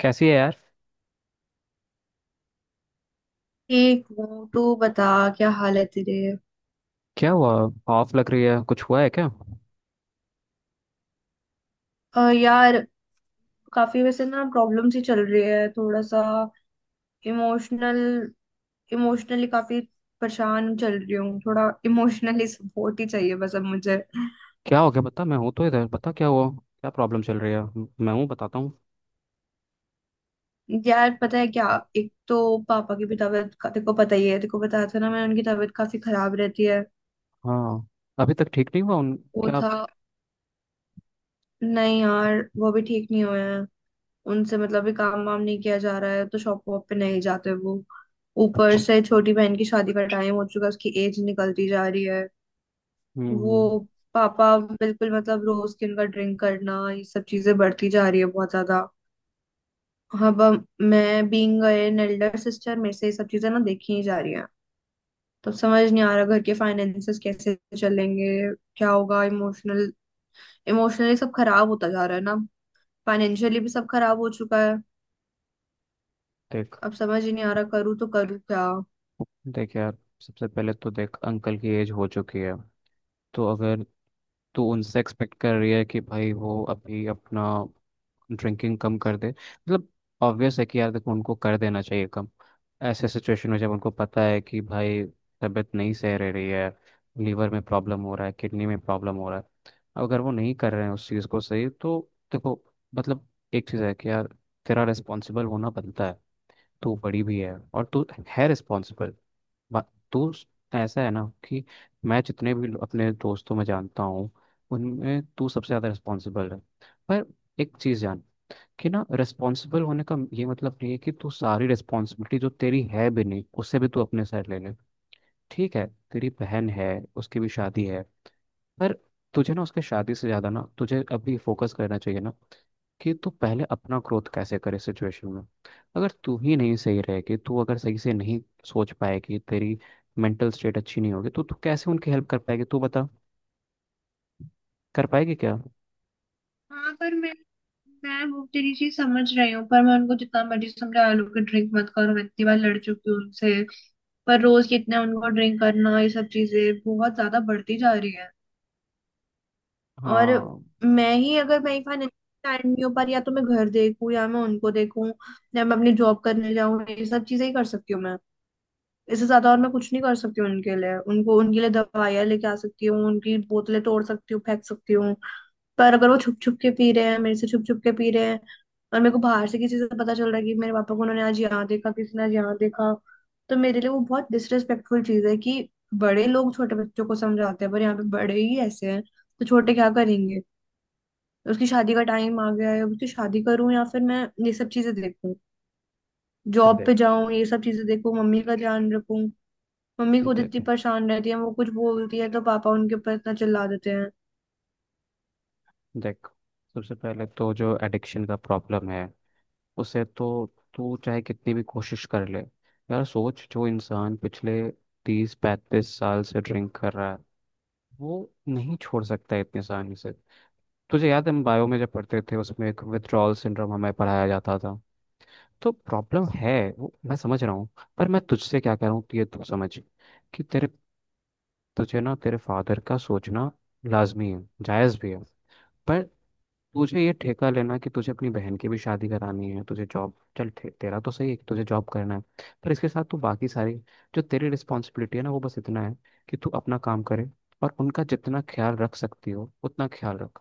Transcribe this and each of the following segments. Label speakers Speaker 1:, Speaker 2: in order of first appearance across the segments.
Speaker 1: कैसी है यार?
Speaker 2: ठीक हूँ तू बता। क्या हाल है तेरे।
Speaker 1: क्या हुआ? ऑफ लग रही है, कुछ हुआ है क्या?
Speaker 2: यार काफी वैसे ना प्रॉब्लम्स ही चल रही है थोड़ा सा इमोशनल इमोशनली काफी परेशान चल रही हूँ थोड़ा इमोशनली सपोर्ट ही चाहिए बस अब मुझे।
Speaker 1: क्या हो गया बता, मैं हूँ तो, इधर बता क्या हुआ, क्या प्रॉब्लम चल रही है। मैं हूँ, बताता हूँ।
Speaker 2: यार पता है क्या। एक तो पापा की भी तबीयत तेरे को पता ही है, तेरे को बताया था ना मैंने। उनकी तबीयत काफी खराब रहती है।
Speaker 1: हाँ। अभी तक ठीक नहीं हुआ उन?
Speaker 2: वो
Speaker 1: क्या?
Speaker 2: था। नहीं यार, वो भी ठीक नहीं हुए हैं। उनसे मतलब भी काम वाम नहीं किया जा रहा है, तो शॉप वॉप पे नहीं जाते वो। ऊपर
Speaker 1: अच्छा।
Speaker 2: से छोटी बहन की शादी का टाइम हो चुका है, उसकी एज निकलती जा रही है। वो
Speaker 1: हम्म।
Speaker 2: पापा बिल्कुल मतलब रोज की उनका ड्रिंक करना ये सब चीजें बढ़ती जा रही है बहुत ज्यादा। अब मैं बीइंग एन एल्डर सिस्टर मेरे से ये सब चीजें ना देखी ही जा रही हैं। तो समझ नहीं आ रहा घर के फाइनेंसेस कैसे चलेंगे, क्या होगा। इमोशनली सब खराब होता जा रहा है ना, फाइनेंशियली भी सब खराब हो चुका है।
Speaker 1: देख।
Speaker 2: अब समझ ही नहीं आ रहा करूँ तो करूँ क्या।
Speaker 1: देख यार, सबसे पहले तो देख अंकल की एज हो चुकी है। तो अगर तू उनसे एक्सपेक्ट कर रही है कि भाई वो अभी अपना ड्रिंकिंग कम कर दे, मतलब ऑब्वियस है कि यार देखो उनको कर देना चाहिए कम। ऐसे सिचुएशन में जब उनको पता है कि भाई तबीयत नहीं सह रह रही है, लीवर में प्रॉब्लम हो रहा है, किडनी में प्रॉब्लम हो रहा है, अगर वो नहीं कर रहे हैं उस चीज़ को सही, तो देखो मतलब एक चीज़ है कि यार तेरा रिस्पॉन्सिबल होना बनता है। तू बड़ी भी है और तू है रिस्पॉन्सिबल। बा- तो स- ऐसा है ना कि मैं जितने भी अपने दोस्तों में जानता हूँ, उनमें तू सबसे ज़्यादा रिस्पॉन्सिबल है। पर एक चीज़ जान, कि ना रिस्पॉन्सिबल होने का ये मतलब नहीं है कि तू सारी रिस्पॉन्सिबिलिटी जो तेरी है भी नहीं उससे भी तू अपने साइड ले ले। ठीक है? तेरी बहन है, उसकी भी शादी है। पर तुझे ना उसके शादी से ज्यादा ना तुझे अभी फोकस करना चाहिए ना, कि तू पहले अपना ग्रोथ कैसे करे सिचुएशन में। अगर तू ही नहीं सही रहेगी, तू अगर सही से नहीं सोच पाएगी, तेरी मेंटल स्टेट अच्छी नहीं होगी, तो तू कैसे उनकी हेल्प कर पाएगी? तू बता, कर पाएगी क्या?
Speaker 2: हाँ पर मैं वो तेरी चीज समझ रही हूँ, पर मैं उनको जितना मर्जी समझा लो कि ड्रिंक मत करो, मैं इतनी बार लड़ चुकी हूँ उनसे। पर रोज कितना उनको ड्रिंक करना ये सब चीजें बहुत ज्यादा बढ़ती जा रही है। और
Speaker 1: हाँ
Speaker 2: मैं ही अगर, मेरी फाइनेंशियल टाइम नहीं हो पा रही, या तो मैं घर देखूँ या मैं उनको देखूँ या मैं अपनी जॉब करने जाऊँ, ये सब चीजें ही कर सकती हूँ मैं। इससे ज्यादा और मैं कुछ नहीं कर सकती हूँ उनके लिए। उनको उनके लिए दवाइयाँ लेके आ सकती हूँ, उनकी बोतलें तोड़ सकती हूँ, फेंक सकती हूँ। पर अगर वो छुप छुप के पी रहे हैं, मेरे से छुप छुप के पी रहे हैं, और मेरे को बाहर से किसी से पता चल रहा है कि मेरे पापा को उन्होंने आज यहाँ देखा, किसी ने आज यहाँ देखा, तो मेरे लिए वो बहुत डिसरेस्पेक्टफुल चीज है कि बड़े लोग छोटे बच्चों को समझाते हैं, पर यहाँ पे बड़े ही ऐसे हैं, तो छोटे क्या करेंगे। उसकी शादी का टाइम आ गया है, अब उसकी शादी करूं या फिर मैं ये सब चीजें देखूं,
Speaker 1: अच्छा
Speaker 2: जॉब पे
Speaker 1: देख।
Speaker 2: जाऊं, ये सब चीजें देखूं, मम्मी का ध्यान रखूं। मम्मी खुद
Speaker 1: देख,
Speaker 2: इतनी परेशान रहती है, वो कुछ बोलती है तो पापा उनके ऊपर इतना चिल्ला देते हैं।
Speaker 1: देख, सबसे पहले तो जो एडिक्शन का प्रॉब्लम है उसे तो तू चाहे कितनी भी कोशिश कर ले। यार सोच, जो इंसान पिछले 30-35 साल से ड्रिंक कर रहा है वो नहीं छोड़ सकता है इतनी आसानी से। तुझे याद है हम बायो में जब पढ़ते थे, उसमें एक विथड्रॉल सिंड्रोम हमें पढ़ाया जाता था। तो प्रॉब्लम है, वो मैं समझ रहा हूँ। पर मैं तुझसे क्या कह रहा हूँ कि ये तू समझ, कि तेरे, तुझे ना तेरे फादर का सोचना लाजमी है, जायज़ भी है। पर तुझे ये ठेका लेना कि तुझे अपनी बहन की भी शादी करानी है, तुझे जॉब, तेरा तो सही है कि तुझे जॉब करना है। पर इसके साथ तू बाकी सारी, जो तेरी रिस्पॉन्सिबिलिटी है ना वो बस इतना है कि तू अपना काम करे और उनका जितना ख्याल रख सकती हो उतना ख्याल रख।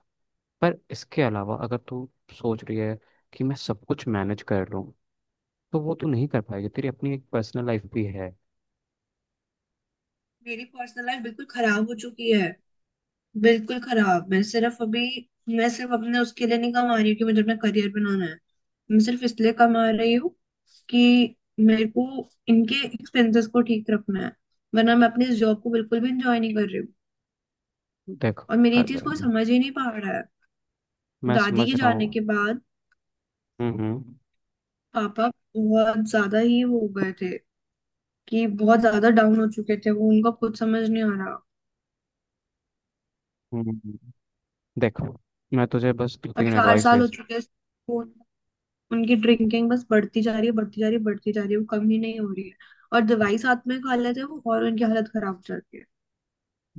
Speaker 1: पर इसके अलावा अगर तू सोच रही है कि मैं सब कुछ मैनेज कर लूँ, तो वो तू नहीं कर पाएगी। तेरी अपनी एक पर्सनल लाइफ भी है।
Speaker 2: मेरी पर्सनल लाइफ बिल्कुल खराब हो चुकी है। बिल्कुल खराब। मैं सिर्फ अपने उसके लिए नहीं कमा रही हूँ कि मुझे अपना करियर बनाना है। मैं सिर्फ इसलिए कमा रही हूँ कि मेरे को इनके एक्सपेंसेस को ठीक रखना है, वरना मैं अपने इस जॉब को बिल्कुल भी इंजॉय नहीं कर रही हूँ।
Speaker 1: देख।
Speaker 2: और मेरी ये चीज
Speaker 1: अगर,
Speaker 2: कोई समझ ही नहीं पा रहा है।
Speaker 1: मैं
Speaker 2: दादी
Speaker 1: समझ
Speaker 2: के
Speaker 1: रहा
Speaker 2: जाने
Speaker 1: हूँ।
Speaker 2: के बाद
Speaker 1: हम्म हम्म
Speaker 2: पापा बहुत ज्यादा ही वो हो गए थे, कि बहुत ज्यादा डाउन हो चुके थे वो। उनका खुद समझ नहीं आ रहा।
Speaker 1: हम्म, हम्म। देख, मैं तुझे बस दो
Speaker 2: और
Speaker 1: तीन
Speaker 2: चार
Speaker 1: एडवाइस
Speaker 2: साल
Speaker 1: दे
Speaker 2: हो
Speaker 1: सकता।
Speaker 2: चुके हैं। उनकी ड्रिंकिंग बस बढ़ती जा रही है, बढ़ती जा रही है, बढ़ती जा रही है, वो कम ही नहीं हो रही है। और दवाई साथ में खा लेते हैं वो, और उनकी हालत खराब हो जाती है।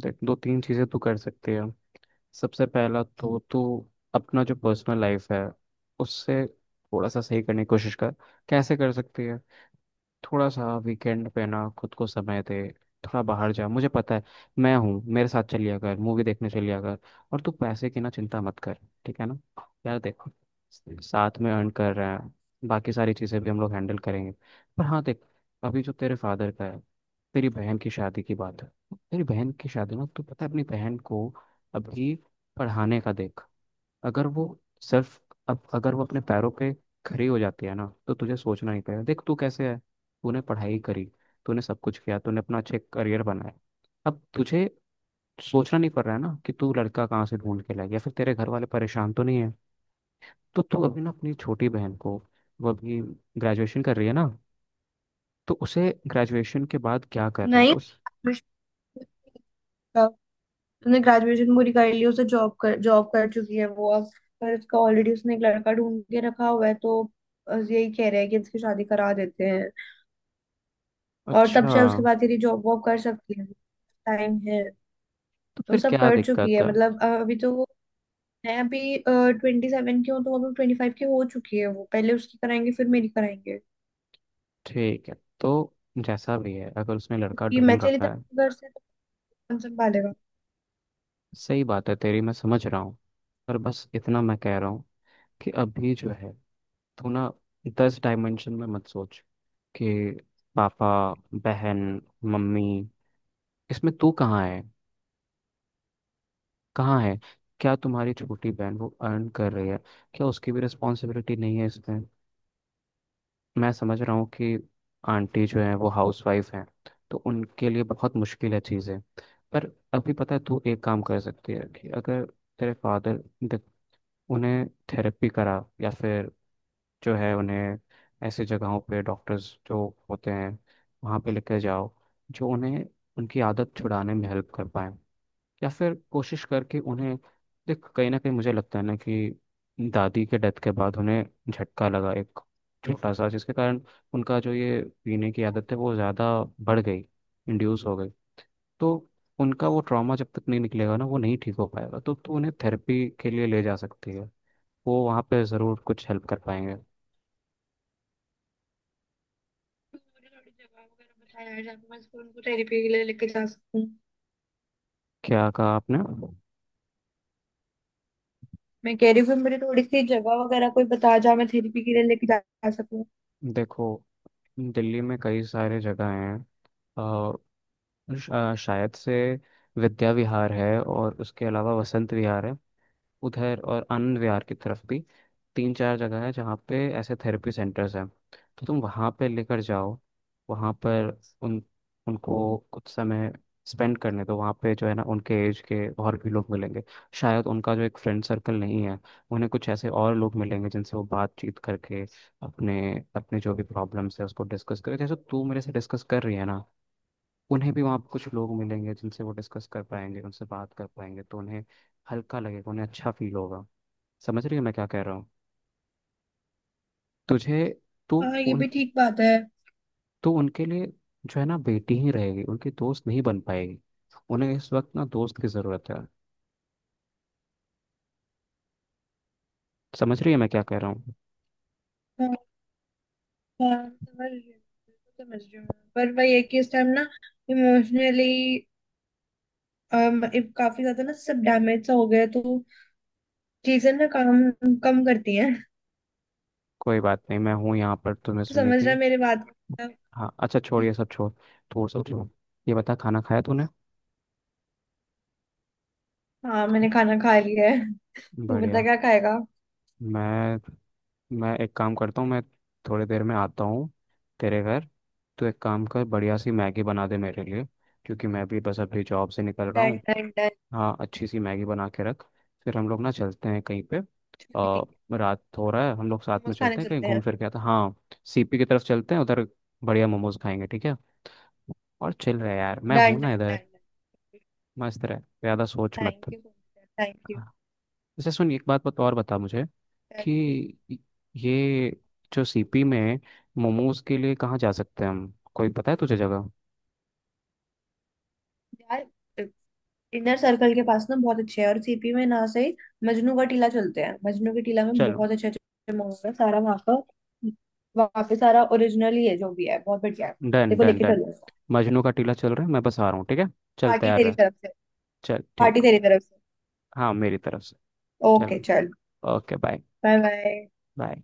Speaker 1: देख, दो तीन चीज़ें तो कर सकते हैं। सबसे पहला तो अपना जो पर्सनल लाइफ है उससे थोड़ा सा सही करने की कोशिश कर। कैसे कर सकती है? थोड़ा सा वीकेंड पे ना खुद को समय दे, थोड़ा बाहर जा। मुझे पता है, मैं हूँ, मेरे साथ चलिया कर, मूवी देखने चलिया कर। और तू पैसे की ना चिंता मत कर। ठीक है ना? यार देखो, साथ में अर्न कर रहे हैं, बाकी सारी चीज़ें भी हम लोग हैंडल करेंगे। पर हाँ देख, अभी जो तेरे फादर का है, तेरी बहन की शादी की बात है। तेरी बहन की शादी ना, तू पता है अपनी बहन को अभी पढ़ाने का देख, अगर वो सिर्फ, अब अगर वो अपने पैरों पे खड़ी हो जाती है ना, तो तुझे सोचना नहीं पड़ेगा। देख तू कैसे है, तूने पढ़ाई करी, तूने सब कुछ किया, तूने अपना अच्छे करियर बनाया। अब तुझे सोचना नहीं पड़ रहा है ना कि तू लड़का कहाँ से ढूंढ के लाएगी या फिर तेरे घर वाले परेशान तो नहीं है। तो तू अभी ना अपनी छोटी बहन को, वो अभी ग्रेजुएशन कर रही है ना, तो उसे ग्रेजुएशन के बाद क्या करना है
Speaker 2: नहीं,
Speaker 1: उस।
Speaker 2: उसने ग्रेजुएशन पूरी कर ली। उसे जॉब कर चुकी है वो अब। पर उसका ऑलरेडी उसने एक लड़का ढूंढ के रखा हुआ है, तो बस यही कह रहे हैं कि इसकी शादी करा देते हैं। और तब
Speaker 1: अच्छा।
Speaker 2: शायद उसके बाद यदि जॉब वॉब कर सकती है, टाइम है।
Speaker 1: तो
Speaker 2: तो
Speaker 1: फिर
Speaker 2: सब
Speaker 1: क्या
Speaker 2: कर चुकी
Speaker 1: दिक्कत
Speaker 2: है
Speaker 1: है?
Speaker 2: मतलब। अभी तो वो है। अभी 27 की हूँ, तो अभी 25 की हो चुकी है वो। पहले उसकी कराएंगे, फिर मेरी कराएंगे।
Speaker 1: ठीक है। तो जैसा भी है, अगर उसने लड़का
Speaker 2: कि मैं
Speaker 1: ढूंढ
Speaker 2: चली
Speaker 1: रखा है,
Speaker 2: जाऊंगी घर से तो कौन संभालेगा।
Speaker 1: सही बात है तेरी, मैं समझ रहा हूँ। पर बस इतना मैं कह रहा हूँ कि अभी जो है तू ना 10 डायमेंशन में मत सोच, कि पापा, बहन, मम्मी, इसमें तू कहाँ है? कहाँ है? क्या तुम्हारी छोटी बहन वो अर्न कर रही है? क्या उसकी भी रिस्पॉन्सिबिलिटी नहीं है इसमें? मैं समझ रहा हूँ कि आंटी जो है वो हाउसवाइफ हैं, तो उनके लिए बहुत मुश्किल है चीज़ें। पर अभी पता है तू एक काम कर सकती है, कि अगर तेरे फादर, उन्हें थेरेपी करा, या फिर जो है उन्हें ऐसे जगहों पे डॉक्टर्स जो होते हैं वहाँ पे लेकर जाओ, जो उन्हें उनकी आदत छुड़ाने में हेल्प कर पाए। या फिर कोशिश करके उन्हें, देख कहीं ना कहीं मुझे लगता है ना कि दादी के डेथ के बाद उन्हें झटका लगा एक छोटा सा, जिसके कारण उनका जो ये पीने की आदत है वो ज़्यादा बढ़ गई, इंड्यूस हो गई। तो उनका वो ट्रॉमा जब तक नहीं निकलेगा ना, वो नहीं ठीक हो पाएगा। तो उन्हें थेरेपी के लिए ले जा सकती है, वो वहाँ पे ज़रूर कुछ हेल्प कर पाएंगे।
Speaker 2: मुझे थोड़ी जगह वगैरह बताया यार, जहाँ पे मैं इसको उनको थेरेपी के लिए लेके जा सकूँ।
Speaker 1: क्या कहा आपने?
Speaker 2: मैं कह रही हूँ कि मुझे थोड़ी सी जगह वगैरह कोई बता जहाँ मैं थेरेपी के लिए लेके जा सकूँ।
Speaker 1: देखो, दिल्ली में कई सारे जगह हैं। अ, शायद से विद्या विहार है, और उसके अलावा वसंत विहार है उधर, और आनंद विहार की तरफ भी। तीन चार जगह है जहाँ पे ऐसे थेरेपी सेंटर्स हैं। तो तुम वहाँ पे लेकर जाओ, वहाँ पर उन, उनको कुछ समय स्पेंड करने दो। वहाँ पे जो है ना उनके एज के और भी लोग मिलेंगे, शायद उनका जो एक फ्रेंड सर्कल नहीं है, उन्हें कुछ ऐसे और लोग मिलेंगे जिनसे वो बातचीत करके अपने अपने जो भी प्रॉब्लम्स है उसको डिस्कस करें, जैसे तू मेरे से डिस्कस कर रही है ना, उन्हें भी वहाँ पे कुछ लोग मिलेंगे जिनसे वो डिस्कस कर पाएंगे, उनसे बात कर पाएंगे, तो उन्हें हल्का लगेगा, उन्हें अच्छा फील होगा। समझ रही है मैं क्या कह रहा हूँ? तुझे, तू
Speaker 2: हाँ ये
Speaker 1: उन
Speaker 2: भी ठीक बात है।
Speaker 1: तू उनके लिए जो है ना बेटी ही रहेगी, उनकी दोस्त नहीं बन पाएगी। उन्हें इस वक्त ना दोस्त की ज़रूरत है। समझ रही है मैं क्या कह रहा हूँ?
Speaker 2: हाँ। हाँ, समझ रही हूँ। बिल्कुल समझ रही हूँ मैं। पर वही है कि इस टाइम ना इमोशनली काफी ज्यादा ना सब डैमेज सा हो गया है, तो चीजें ना काम कम करती हैं।
Speaker 1: कोई बात नहीं, मैं हूँ यहाँ पर तुम्हें
Speaker 2: तो
Speaker 1: सुनने
Speaker 2: समझ
Speaker 1: के
Speaker 2: रहा
Speaker 1: लिए।
Speaker 2: है मेरी बात को?
Speaker 1: हाँ अच्छा, छोड़ ये सब छोड़, छोड़ सब छोड़। ये बता, खाना खाया तूने?
Speaker 2: हाँ मैंने खाना खा लिया है। तू बता
Speaker 1: बढ़िया।
Speaker 2: क्या खाएगा।
Speaker 1: मैं मैं एक काम करता हूँ, मैं थोड़ी देर में आता हूँ तेरे घर। तो एक काम कर, बढ़िया सी मैगी बना दे मेरे लिए। क्योंकि मैं भी बस अभी जॉब से निकल रहा
Speaker 2: डन
Speaker 1: हूँ।
Speaker 2: Done done.
Speaker 1: हाँ, अच्छी सी मैगी बना के रख, फिर हम लोग ना चलते हैं कहीं पे।
Speaker 2: ठीक
Speaker 1: आ,
Speaker 2: है।
Speaker 1: रात हो रहा है, हम लोग साथ में
Speaker 2: मोमोज खाने
Speaker 1: चलते हैं, कहीं
Speaker 2: चलते
Speaker 1: घूम
Speaker 2: हैं।
Speaker 1: फिर के आते हैं। हाँ। CP की तरफ चलते हैं उधर, बढ़िया मोमोज खाएंगे। ठीक है? और चिल रहे यार, मैं
Speaker 2: डन
Speaker 1: हूं
Speaker 2: डन
Speaker 1: ना इधर।
Speaker 2: Done done.
Speaker 1: मस्त रहे, ज़्यादा सोच
Speaker 2: थैंक
Speaker 1: मत।
Speaker 2: You so much, thank you.
Speaker 1: जैसे सुन, एक बात बत और बता मुझे
Speaker 2: चल ठीक।
Speaker 1: कि ये जो CP में मोमोज के लिए कहाँ जा सकते हैं हम, कोई पता है तुझे जगह?
Speaker 2: है यार, इनर सर्कल के पास ना बहुत अच्छे है। और सीपी में ना से मजनू का टीला चलते हैं। मजनू के टीला में
Speaker 1: चलो।
Speaker 2: बहुत अच्छे अच्छे मोमोज है सारा वहाँ का। वहाँ पे सारा ओरिजिनल ही है जो भी है, बहुत बढ़िया है।
Speaker 1: डन
Speaker 2: देखो
Speaker 1: डन
Speaker 2: लेके
Speaker 1: डन।
Speaker 2: चलो।
Speaker 1: मजनू का टीला चल रहा है, मैं बस आ रहा हूँ। ठीक है। चल
Speaker 2: पार्टी
Speaker 1: तैयार
Speaker 2: तेरी
Speaker 1: रह।
Speaker 2: तरफ से।
Speaker 1: चल
Speaker 2: पार्टी
Speaker 1: ठीक।
Speaker 2: तेरी तरफ से।
Speaker 1: हाँ, मेरी तरफ से।
Speaker 2: ओके
Speaker 1: चलो।
Speaker 2: चल।
Speaker 1: Okay bye.
Speaker 2: Bye bye.
Speaker 1: Bye.